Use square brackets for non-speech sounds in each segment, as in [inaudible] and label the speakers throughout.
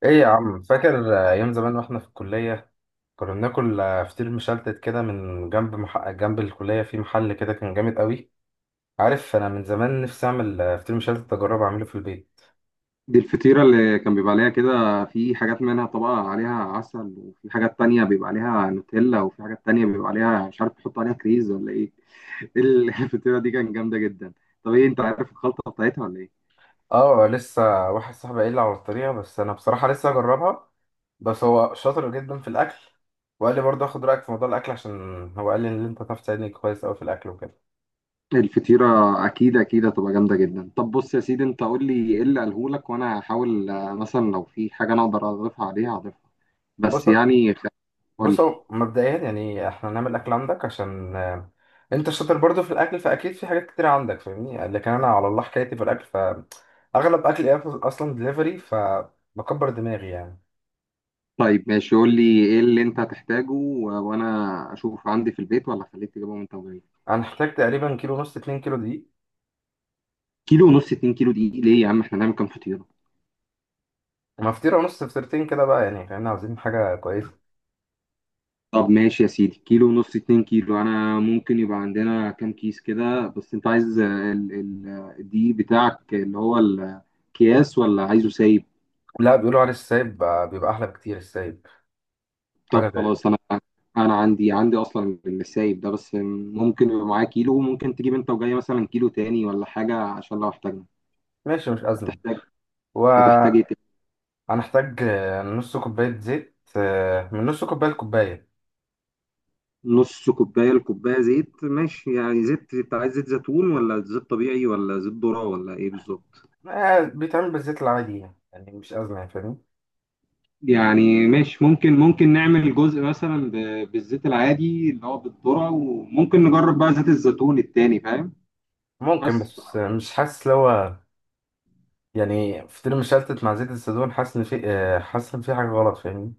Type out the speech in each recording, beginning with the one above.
Speaker 1: ايه يا عم فاكر ايام زمان واحنا في الكليه. كنا بناكل فطير مشلتت كده من جنب جنب الكليه في محل كده كان جامد قوي. عارف انا من زمان نفسي اعمل فطير مشلتت اجرب اعمله في البيت.
Speaker 2: دي الفطيرة اللي كان بيبقى عليها كده. في حاجات منها طبقة عليها عسل، وفي حاجات تانية بيبقى عليها نوتيلا، وفي حاجات تانية بيبقى عليها مش عارف، بيحطوا عليها كريز ولا ايه. [laughs] الفطيرة دي كانت جامدة جدا. طب ايه، انت عارف الخلطة بتاعتها ولا ايه؟
Speaker 1: اه، لسه واحد صاحبي قايل لي على الطريقه، بس انا بصراحه لسه اجربها. بس هو شاطر جدا في الاكل، وقال لي برضه اخد رايك في موضوع الاكل، عشان هو قال لي ان انت تعرف تساعدني كويس قوي في الاكل وكده.
Speaker 2: الفطيرة أكيد أكيد هتبقى جامدة جدا. طب بص يا سيدي، أنت قول لي إيه اللي قالهولك وأنا هحاول مثلا لو في حاجة أنا أقدر أضيفها عليها هضيفها.
Speaker 1: بص
Speaker 2: بس يعني قول
Speaker 1: بص
Speaker 2: لي.
Speaker 1: هو مبدئيا يعني احنا نعمل الاكل عندك عشان انت شاطر برضو في الاكل، فاكيد في حاجات كتير عندك فاهمني. لكن انا على الله حكايتي في الاكل، فاغلب اكلي اصلا دليفري فبكبر دماغي يعني.
Speaker 2: طيب ماشي، قول لي إيه اللي أنت هتحتاجه، و- وأنا أشوف عندي في البيت ولا خليك تجيبه من تمرين.
Speaker 1: انا احتاج تقريبا كيلو ونص 2 كيلو دقيق،
Speaker 2: كيلو ونص اتنين كيلو دي ليه يا عم، احنا هنعمل كام فطيرة؟
Speaker 1: مفطيره ونص فطيرتين كده بقى يعني فاهمني، عاوزين حاجه كويسه.
Speaker 2: طب ماشي يا سيدي، كيلو ونص اتنين كيلو انا ممكن يبقى عندنا كام كيس كده. بس انت عايز ال ال آه، الدقيق بتاعك اللي هو الاكياس ولا عايزه سايب؟
Speaker 1: لا، بيقولوا على السايب بيبقى احلى بكتير السايب،
Speaker 2: طب
Speaker 1: حاجه زي.
Speaker 2: خلاص انا، عندي، اصلا السايب ده. بس ممكن يبقى معاه كيلو، وممكن تجيب انت وجاي مثلا كيلو تاني ولا حاجة عشان لو احتاجنا.
Speaker 1: ماشي، مش ازمه.
Speaker 2: هتحتاج هتحتاج إيه
Speaker 1: وهنحتاج
Speaker 2: تاني؟
Speaker 1: نص كوبايه زيت، من نص كوبايه لكوبايه.
Speaker 2: نص كوباية لكوباية زيت ماشي. يعني زيت، انت عايز زيت زيتون ولا زيت طبيعي ولا زيت ذرة ولا ايه بالظبط؟
Speaker 1: بيتعمل بالزيت العادي، يعني مش أزمة يعني فاهم.
Speaker 2: يعني ماشي، ممكن نعمل جزء مثلا بالزيت العادي اللي هو بالذرة، وممكن نجرب بقى زيت الزيتون التاني، فاهم؟
Speaker 1: ممكن،
Speaker 2: بس
Speaker 1: بس مش حاسس لو هو يعني فطير مشلتت مع زيت الزيتون حاسس إن في حاجة غلط فاهمني.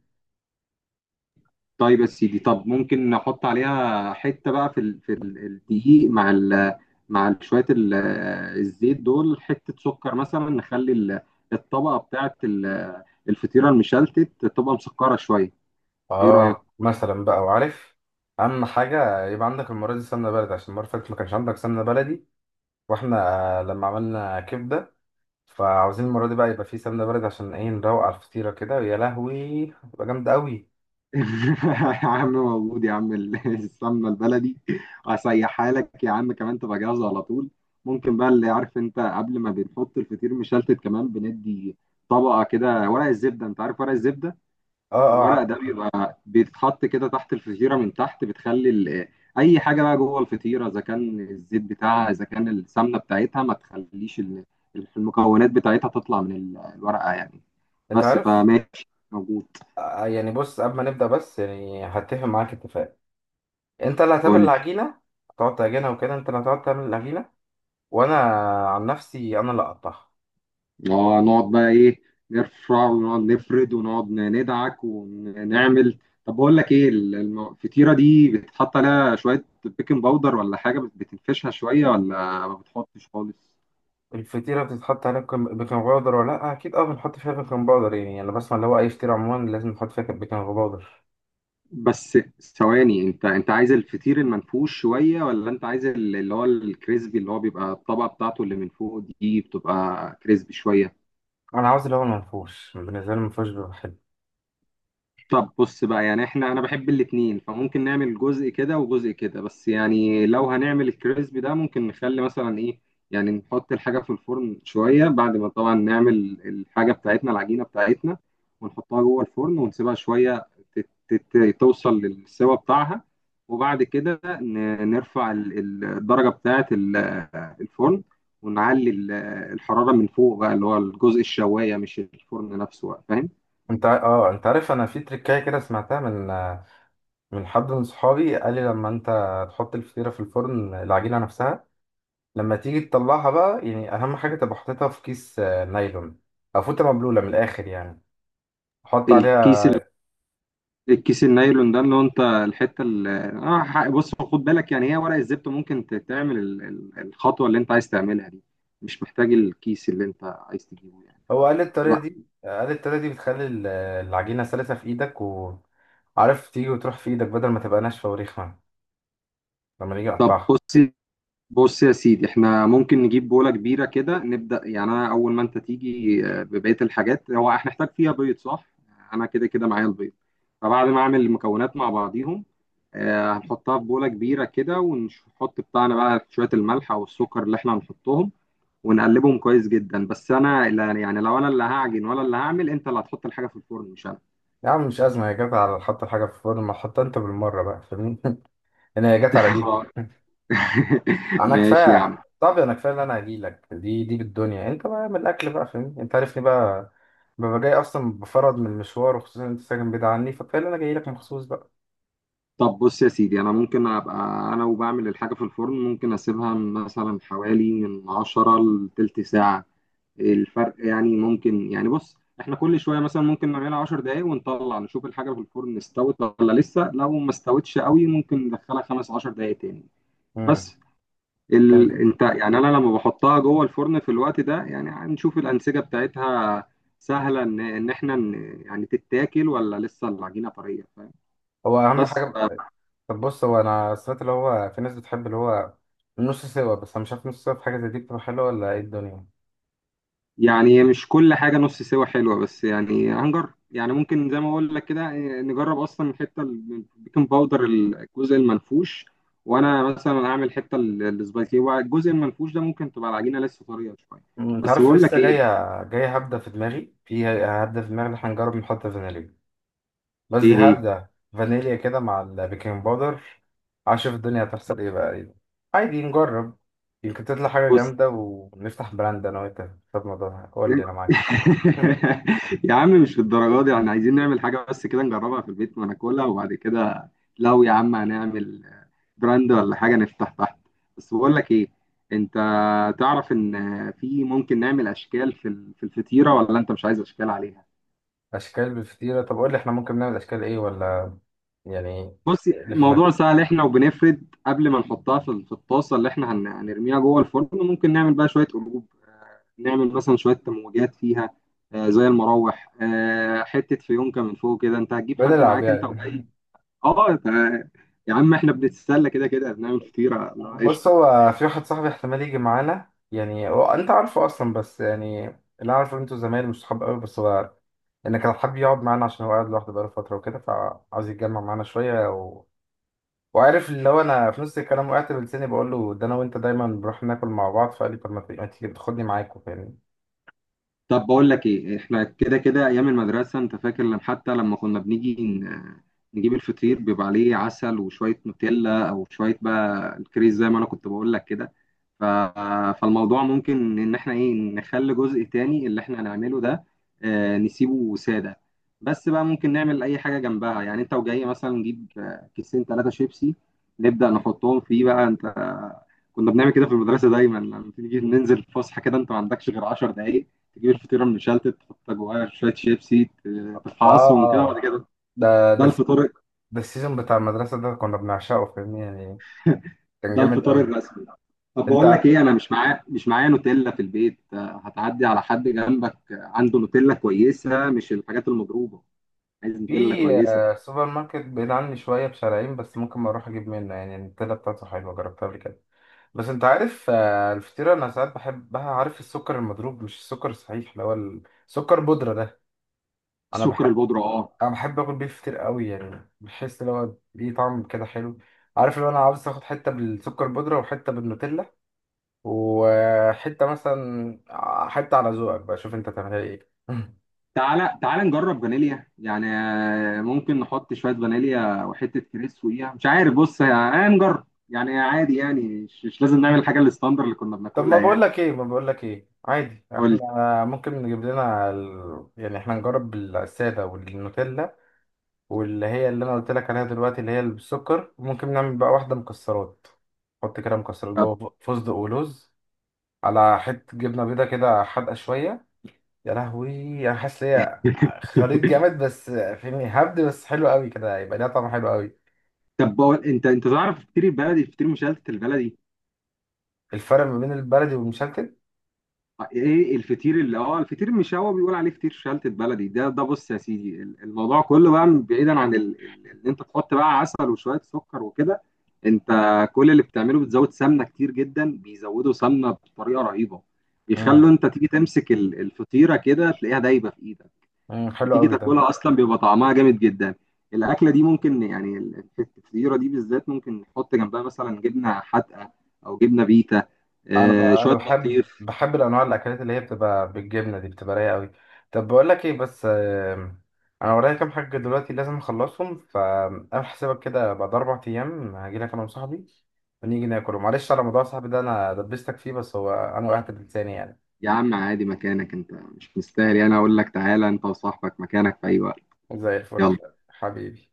Speaker 2: طيب يا سيدي، طب ممكن نحط عليها حتة بقى في الدقيق مع شوية الزيت دول، حتة سكر مثلا، نخلي الطبقة بتاعت الفطيرة المشلتت تبقى مسكرة شوية. ايه رأيك؟
Speaker 1: اه، مثلا بقى وعارف. أهم حاجة يبقى عندك المرة دي سمنة بلدي، عشان المرة اللي فاتت ما كانش عندك سمنة بلدي وإحنا لما عملنا كبدة. فعاوزين المرة دي بقى يبقى في سمنة بلدي، عشان إيه نروق على الفطيرة كده. يا لهوي، هتبقى جامدة أوي.
Speaker 2: [laughs] يا عم موجود يا عم [laughs] السمنه البلدي، وهسيحها لك يا عم كمان تبقى جاهزه على طول. ممكن بقى اللي عارف انت، قبل ما بنحط الفطير مشلتت، كمان بندي طبقه كده ورق الزبده. انت عارف ورق الزبده؟
Speaker 1: اه، اه،
Speaker 2: الورق
Speaker 1: عارف
Speaker 2: ده
Speaker 1: أكيد.
Speaker 2: بيبقى بيتحط كده تحت الفطيره من تحت، بتخلي اي حاجه بقى جوه الفطيره، اذا كان الزيت بتاعها اذا كان السمنه بتاعتها، ما تخليش المكونات بتاعتها تطلع من الورقه يعني.
Speaker 1: أنت
Speaker 2: بس
Speaker 1: عارف
Speaker 2: فماشي، موجود.
Speaker 1: يعني بص، قبل ما نبدأ بس يعني هتفق معاك اتفاق. انت اللي هتعمل
Speaker 2: قول.
Speaker 1: العجينه، هتقعد تعجنها وكده، انت اللي هتقعد تعمل العجينه. وانا عن نفسي انا اللي اقطعها.
Speaker 2: اه، نقعد بقى ايه، نرفع ونقعد نفرد ونقعد ندعك ونعمل. طب بقول لك ايه، الفطيره دي بتحط عليها شويه بيكنج باودر ولا حاجه بتنفشها شويه، ولا ما بتحطش خالص؟
Speaker 1: الفطيره بتتحط عليها بيكنج باودر ولا لا؟ اكيد اه، بنحط فيها بيكنج باودر يعني. انا بسمع اللي هو اي فطيره عموما لازم نحط فيها بيكنج باودر.
Speaker 2: بس ثواني، انت عايز الفطير المنفوش شويه، ولا انت عايز اللي هو الكريسبي اللي هو بيبقى الطبقه بتاعته اللي من فوق دي بتبقى كريسبي شويه؟
Speaker 1: انا عاوز اللي هو المنفوش، بالنسبه لي المنفوش بيبقى حلو.
Speaker 2: طب بص بقى، يعني احنا، انا بحب الاتنين، فممكن نعمل جزء كده وجزء كده. بس يعني لو هنعمل الكريسبي ده، ممكن نخلي مثلا ايه، يعني نحط الحاجة في الفرن شوية بعد ما طبعا نعمل الحاجة بتاعتنا، العجينة بتاعتنا، ونحطها جوه الفرن ونسيبها شوية توصل للسوا بتاعها، وبعد كده نرفع الدرجة بتاعة الفرن، ونعلي الحرارة من فوق بقى اللي هو الجزء الشواية، مش الفرن نفسه بقى، فاهم؟
Speaker 1: انت اه، انت عارف انا في تركايه كده سمعتها من من حد من صحابي قال لي لما انت تحط الفطيره في الفرن، العجينه نفسها لما تيجي تطلعها بقى، يعني اهم حاجه تبقى حاططها في كيس نايلون، او فوطه مبلوله من الاخر يعني. حط عليها.
Speaker 2: الكيس، النايلون ده اللي هو انت، الحته اللي بص خد بالك، يعني هي ورق الزبده ممكن تعمل الخطوه اللي انت عايز تعملها دي. مش محتاج الكيس اللي انت عايز تجيبه يعني
Speaker 1: هو قال لي الطريقة
Speaker 2: فلا.
Speaker 1: دي، بتخلي العجينة سلسة في ايدك، وعارف تيجي وتروح في ايدك بدل ما تبقى ناشفة وريخمة لما نيجي
Speaker 2: طب
Speaker 1: نقطعها.
Speaker 2: بص يا سيدي، احنا ممكن نجيب بولة كبيرة كده نبدأ. يعني انا اول ما انت تيجي ببقية الحاجات، هو هنحتاج فيها بيض صح؟ انا كده كده معايا البيض. فبعد ما اعمل المكونات مع بعضيهم، هنحطها في بولة كبيرة كده، ونحط بتاعنا بقى شوية الملح او السكر اللي احنا هنحطهم، ونقلبهم كويس جدا. بس انا لا، يعني لو انا اللي هعجن ولا اللي هعمل، انت اللي هتحط الحاجة في الفرن مش انا.
Speaker 1: يا عم، مش أزمة، هي جت على حط الحاجة في الفرن، ما تحطها أنت بالمرة بقى فاهمني. [laughs] أنا هي جت
Speaker 2: [laughs]
Speaker 1: على دي.
Speaker 2: خلاص. [laughs]
Speaker 1: أنا
Speaker 2: ماشي يا
Speaker 1: كفاية،
Speaker 2: عم.
Speaker 1: طب أنا كفاية اللي أنا هجيلك، دي بالدنيا أنت بقى من الأكل بقى فاهمني، أنت عارفني بقى. ببقى جاي أصلا بفرض من المشوار، وخصوصا أنت ساكن بعيد عني، فكفاية اللي أنا جايلك مخصوص بقى.
Speaker 2: طب بص يا سيدي، انا ممكن ابقى، انا وبعمل الحاجه في الفرن ممكن اسيبها مثلا حوالي من 10 لتلت ساعه. الفرق يعني ممكن، يعني بص احنا كل شويه مثلا ممكن نعملها 10 دقائق، ونطلع نشوف الحاجه في الفرن استوت ولا لسه. لو ما استوتش قوي ممكن ندخلها خمس 10 دقائق تاني.
Speaker 1: امم
Speaker 2: بس
Speaker 1: فهمت.
Speaker 2: انت يعني، انا لما بحطها جوه الفرن في الوقت ده يعني هنشوف الانسجه بتاعتها سهله ان احنا يعني تتاكل، ولا لسه العجينه طريه، فاهم؟
Speaker 1: هو أهم
Speaker 2: بس
Speaker 1: حاجة. طب بص، هو انا سمعت اللي هو في ناس بتحب اللي هو النص سوا، بس انا مش عارف نص سوا في حاجه زي دي بتبقى حلوه ولا ايه الدنيا.
Speaker 2: يعني مش كل حاجة نص سوا حلوة، بس يعني هنجرب يعني. ممكن زي ما بقول لك كده إيه، نجرب أصلا الحتة البيكنج باودر الجزء المنفوش، وأنا مثلا هعمل حتة السبايسي. هو الجزء المنفوش ده ممكن تبقى العجينة لسه طرية شوية.
Speaker 1: انت
Speaker 2: بس
Speaker 1: عارف
Speaker 2: بقول لك
Speaker 1: لسه جايه،
Speaker 2: إيه.
Speaker 1: جايه هبده في دماغي، ان احنا نجرب نحط فانيليا، بس دي
Speaker 2: إيه هي؟
Speaker 1: هبده فانيليا كده مع البيكنج باودر. عشان الدنيا هتحصل ايه بقى ايه. عادي نجرب، يمكن تطلع حاجه
Speaker 2: بص.
Speaker 1: جامده ونفتح براند انا وانت في الموضوع. قول لي انا
Speaker 2: [laughs]
Speaker 1: معاك. [laughs] أمم،
Speaker 2: يا عم مش للدرجه دي، احنا عايزين نعمل حاجه بس كده نجربها في البيت وناكلها، وبعد كده لو يا عم هنعمل براند ولا حاجه نفتح تحت. بس بقول لك ايه، انت تعرف ان في ممكن نعمل اشكال في الفطيره، ولا انت مش عايز اشكال عليها؟
Speaker 1: اشكال بالفطيره؟ طب قول لي احنا ممكن نعمل اشكال ايه ولا يعني.
Speaker 2: بصي،
Speaker 1: اللي في
Speaker 2: الموضوع
Speaker 1: دماغك.
Speaker 2: سهل، احنا وبنفرد قبل ما نحطها في الطاسه اللي احنا هنرميها جوه الفرن، ممكن نعمل بقى شويه قلوب، نعمل مثلا شويه تموجات فيها، زي المراوح، حته فيونكه من فوق كده. انت هتجيب حد
Speaker 1: بنلعب
Speaker 2: معاك انت وجاي؟
Speaker 1: يعني. [laughs]
Speaker 2: اه تع- يا عم احنا بنتسلى كده كده، بنعمل فطيره، لا،
Speaker 1: بص،
Speaker 2: قشطه.
Speaker 1: هو في واحد صاحبي احتمال يجي معانا. يعني هو انت عارفه اصلا، بس يعني اللي اعرفه ان انتوا زمايل مش صحاب قوي، بس هو انك كان حابب يقعد معانا عشان هو قاعد لوحده بقاله فتره وكده، فعاوز يتجمع معانا شويه. و... وعارف اللي هو انا في نص الكلام وقعت بلساني بقول له ده انا وانت دايما بنروح ناكل مع بعض، فقال لي طب ما تيجي تاخدني معاكوا فاهمني.
Speaker 2: طب بقول لك ايه، احنا كده كده ايام المدرسه انت فاكر، لما حتى لما كنا بنيجي نجيب الفطير بيبقى عليه عسل وشويه نوتيلا او شويه بقى الكريز زي ما انا كنت بقول لك كده. ف- فالموضوع ممكن ان احنا ايه، نخلي جزء تاني اللي احنا هنعمله ده، نسيبه سادة. بس بقى ممكن نعمل اي حاجة جنبها، يعني انت وجاي مثلا نجيب كيسين ثلاثة شيبسي، نبدأ نحطهم فيه بقى انت. كنا بنعمل كده في المدرسة دايما، لما تيجي ننزل الفسحة كده انت ما عندكش غير 10 دقايق، تجيب الفطيرة المشلتت تحط جواها شوية شيبسي
Speaker 1: اه،
Speaker 2: تفعصهم كده،
Speaker 1: اه،
Speaker 2: وبعد كده
Speaker 1: ده ده
Speaker 2: ده
Speaker 1: الس-
Speaker 2: الفطار.
Speaker 1: ده السيزون بتاع المدرسه، ده كنا بنعشقه فاهمني يعني. كان
Speaker 2: ده
Speaker 1: جامد
Speaker 2: الفطار
Speaker 1: قوي.
Speaker 2: الرسمي. طب بقول لك
Speaker 1: انت
Speaker 2: ايه، انا مش معايا نوتيلا في البيت. هتعدي على حد جنبك عنده نوتيلا كويسه، مش الحاجات المضروبه. عايز نوتيلا
Speaker 1: في
Speaker 2: كويسه.
Speaker 1: سوبر ماركت بعيد عني شوية بشارعين، بس ممكن ما أروح أجيب منه. يعني التلاته بتاعته حلوة جربتها قبل كده. بس أنت عارف الفطيرة أنا ساعات بحبها، عارف السكر المضروب، مش السكر الصحيح اللي هو السكر بودرة ده. أنا
Speaker 2: السكر
Speaker 1: بحب
Speaker 2: البودره، اه.
Speaker 1: أنا بحب آكل بيه فطير قوي، يعني بحس اللي هو ليه طعم كده حلو. عارف لو أنا عاوز آخد حتة بالسكر بودرة، وحتة بالنوتيلا، وحتة مثلا حتة على ذوقك بقى، شوف أنت تعملها إيه. [laughs]
Speaker 2: تعالى تعالى نجرب فانيليا يعني، ممكن نحط شويه فانيليا وحته كريس فوقيها مش عارف. بص، هنجرب يعني عادي، يعني مش لازم نعمل الحاجه الستاندر اللي كنا
Speaker 1: طب
Speaker 2: بناكلها يعني.
Speaker 1: ما بقول لك ايه، عادي
Speaker 2: قول لي.
Speaker 1: احنا ممكن نجيب لنا ال... يعني احنا نجرب الساده والنوتيلا، واللي هي اللي انا قلت لك عليها دلوقتي اللي هي اللي بالسكر. ممكن نعمل بقى واحده مكسرات، نحط كده مكسرات
Speaker 2: طب.
Speaker 1: جوه، فستق ولوز، على حته جبنه بيضه كده حادقه شويه. يا لهوي، انا حاسس إن هي خليط
Speaker 2: [laughs]
Speaker 1: جامد، بس فهمني هبد بس حلو قوي كده، هيبقى ليها طعم حلو قوي.
Speaker 2: طب بقول، انت تعرف الفطير البلدي، الفطير مشلتت البلدي؟
Speaker 1: الفرق ما بين البلدي والمشلتت.
Speaker 2: ايه الفطير اللي الفطير المشاوي بيقول عليه فطير شلتت بلدي ده. بص يا سيدي، الموضوع كله بقى بعيدا عن ان انت تحط بقى عسل وشويه سكر وكده، انت كل اللي بتعمله بتزود سمنه كتير جدا. بيزودوا سمنه بطريقه رهيبه،
Speaker 1: امم
Speaker 2: بيخلوا انت تيجي تمسك الفطيره كده تلاقيها دايبه في ايدك.
Speaker 1: حلو
Speaker 2: بتيجي
Speaker 1: قوي ده.
Speaker 2: تاكلها اصلا بيبقى طعمها جامد جدا. الاكله دي ممكن يعني الفطيره دي بالذات ممكن نحط جنبها مثلا جبنه حادقه، او جبنه بيتا،
Speaker 1: انا
Speaker 2: شويه
Speaker 1: بحب
Speaker 2: بطيخ.
Speaker 1: بحب الانواع الاكلات اللي هي بتبقى بالجبنه دي بتبقى رايقه قوي. طب بقول لك ايه، بس انا ورايا كام حاجه دلوقتي لازم اخلصهم، فانا حسابك كده بعد 4 ايام هاجي لك انا وصاحبي ونيجي ناكل. معلش على موضوع صاحبي ده، انا دبستك فيه، بس هو انا وقعت بلساني يعني.
Speaker 2: يا عم عادي، مكانك، انت مش مستاهل يعني اقول لك تعالى. انت وصاحبك مكانك في اي وقت.
Speaker 1: زي الفل
Speaker 2: يلا.
Speaker 1: حبيبي.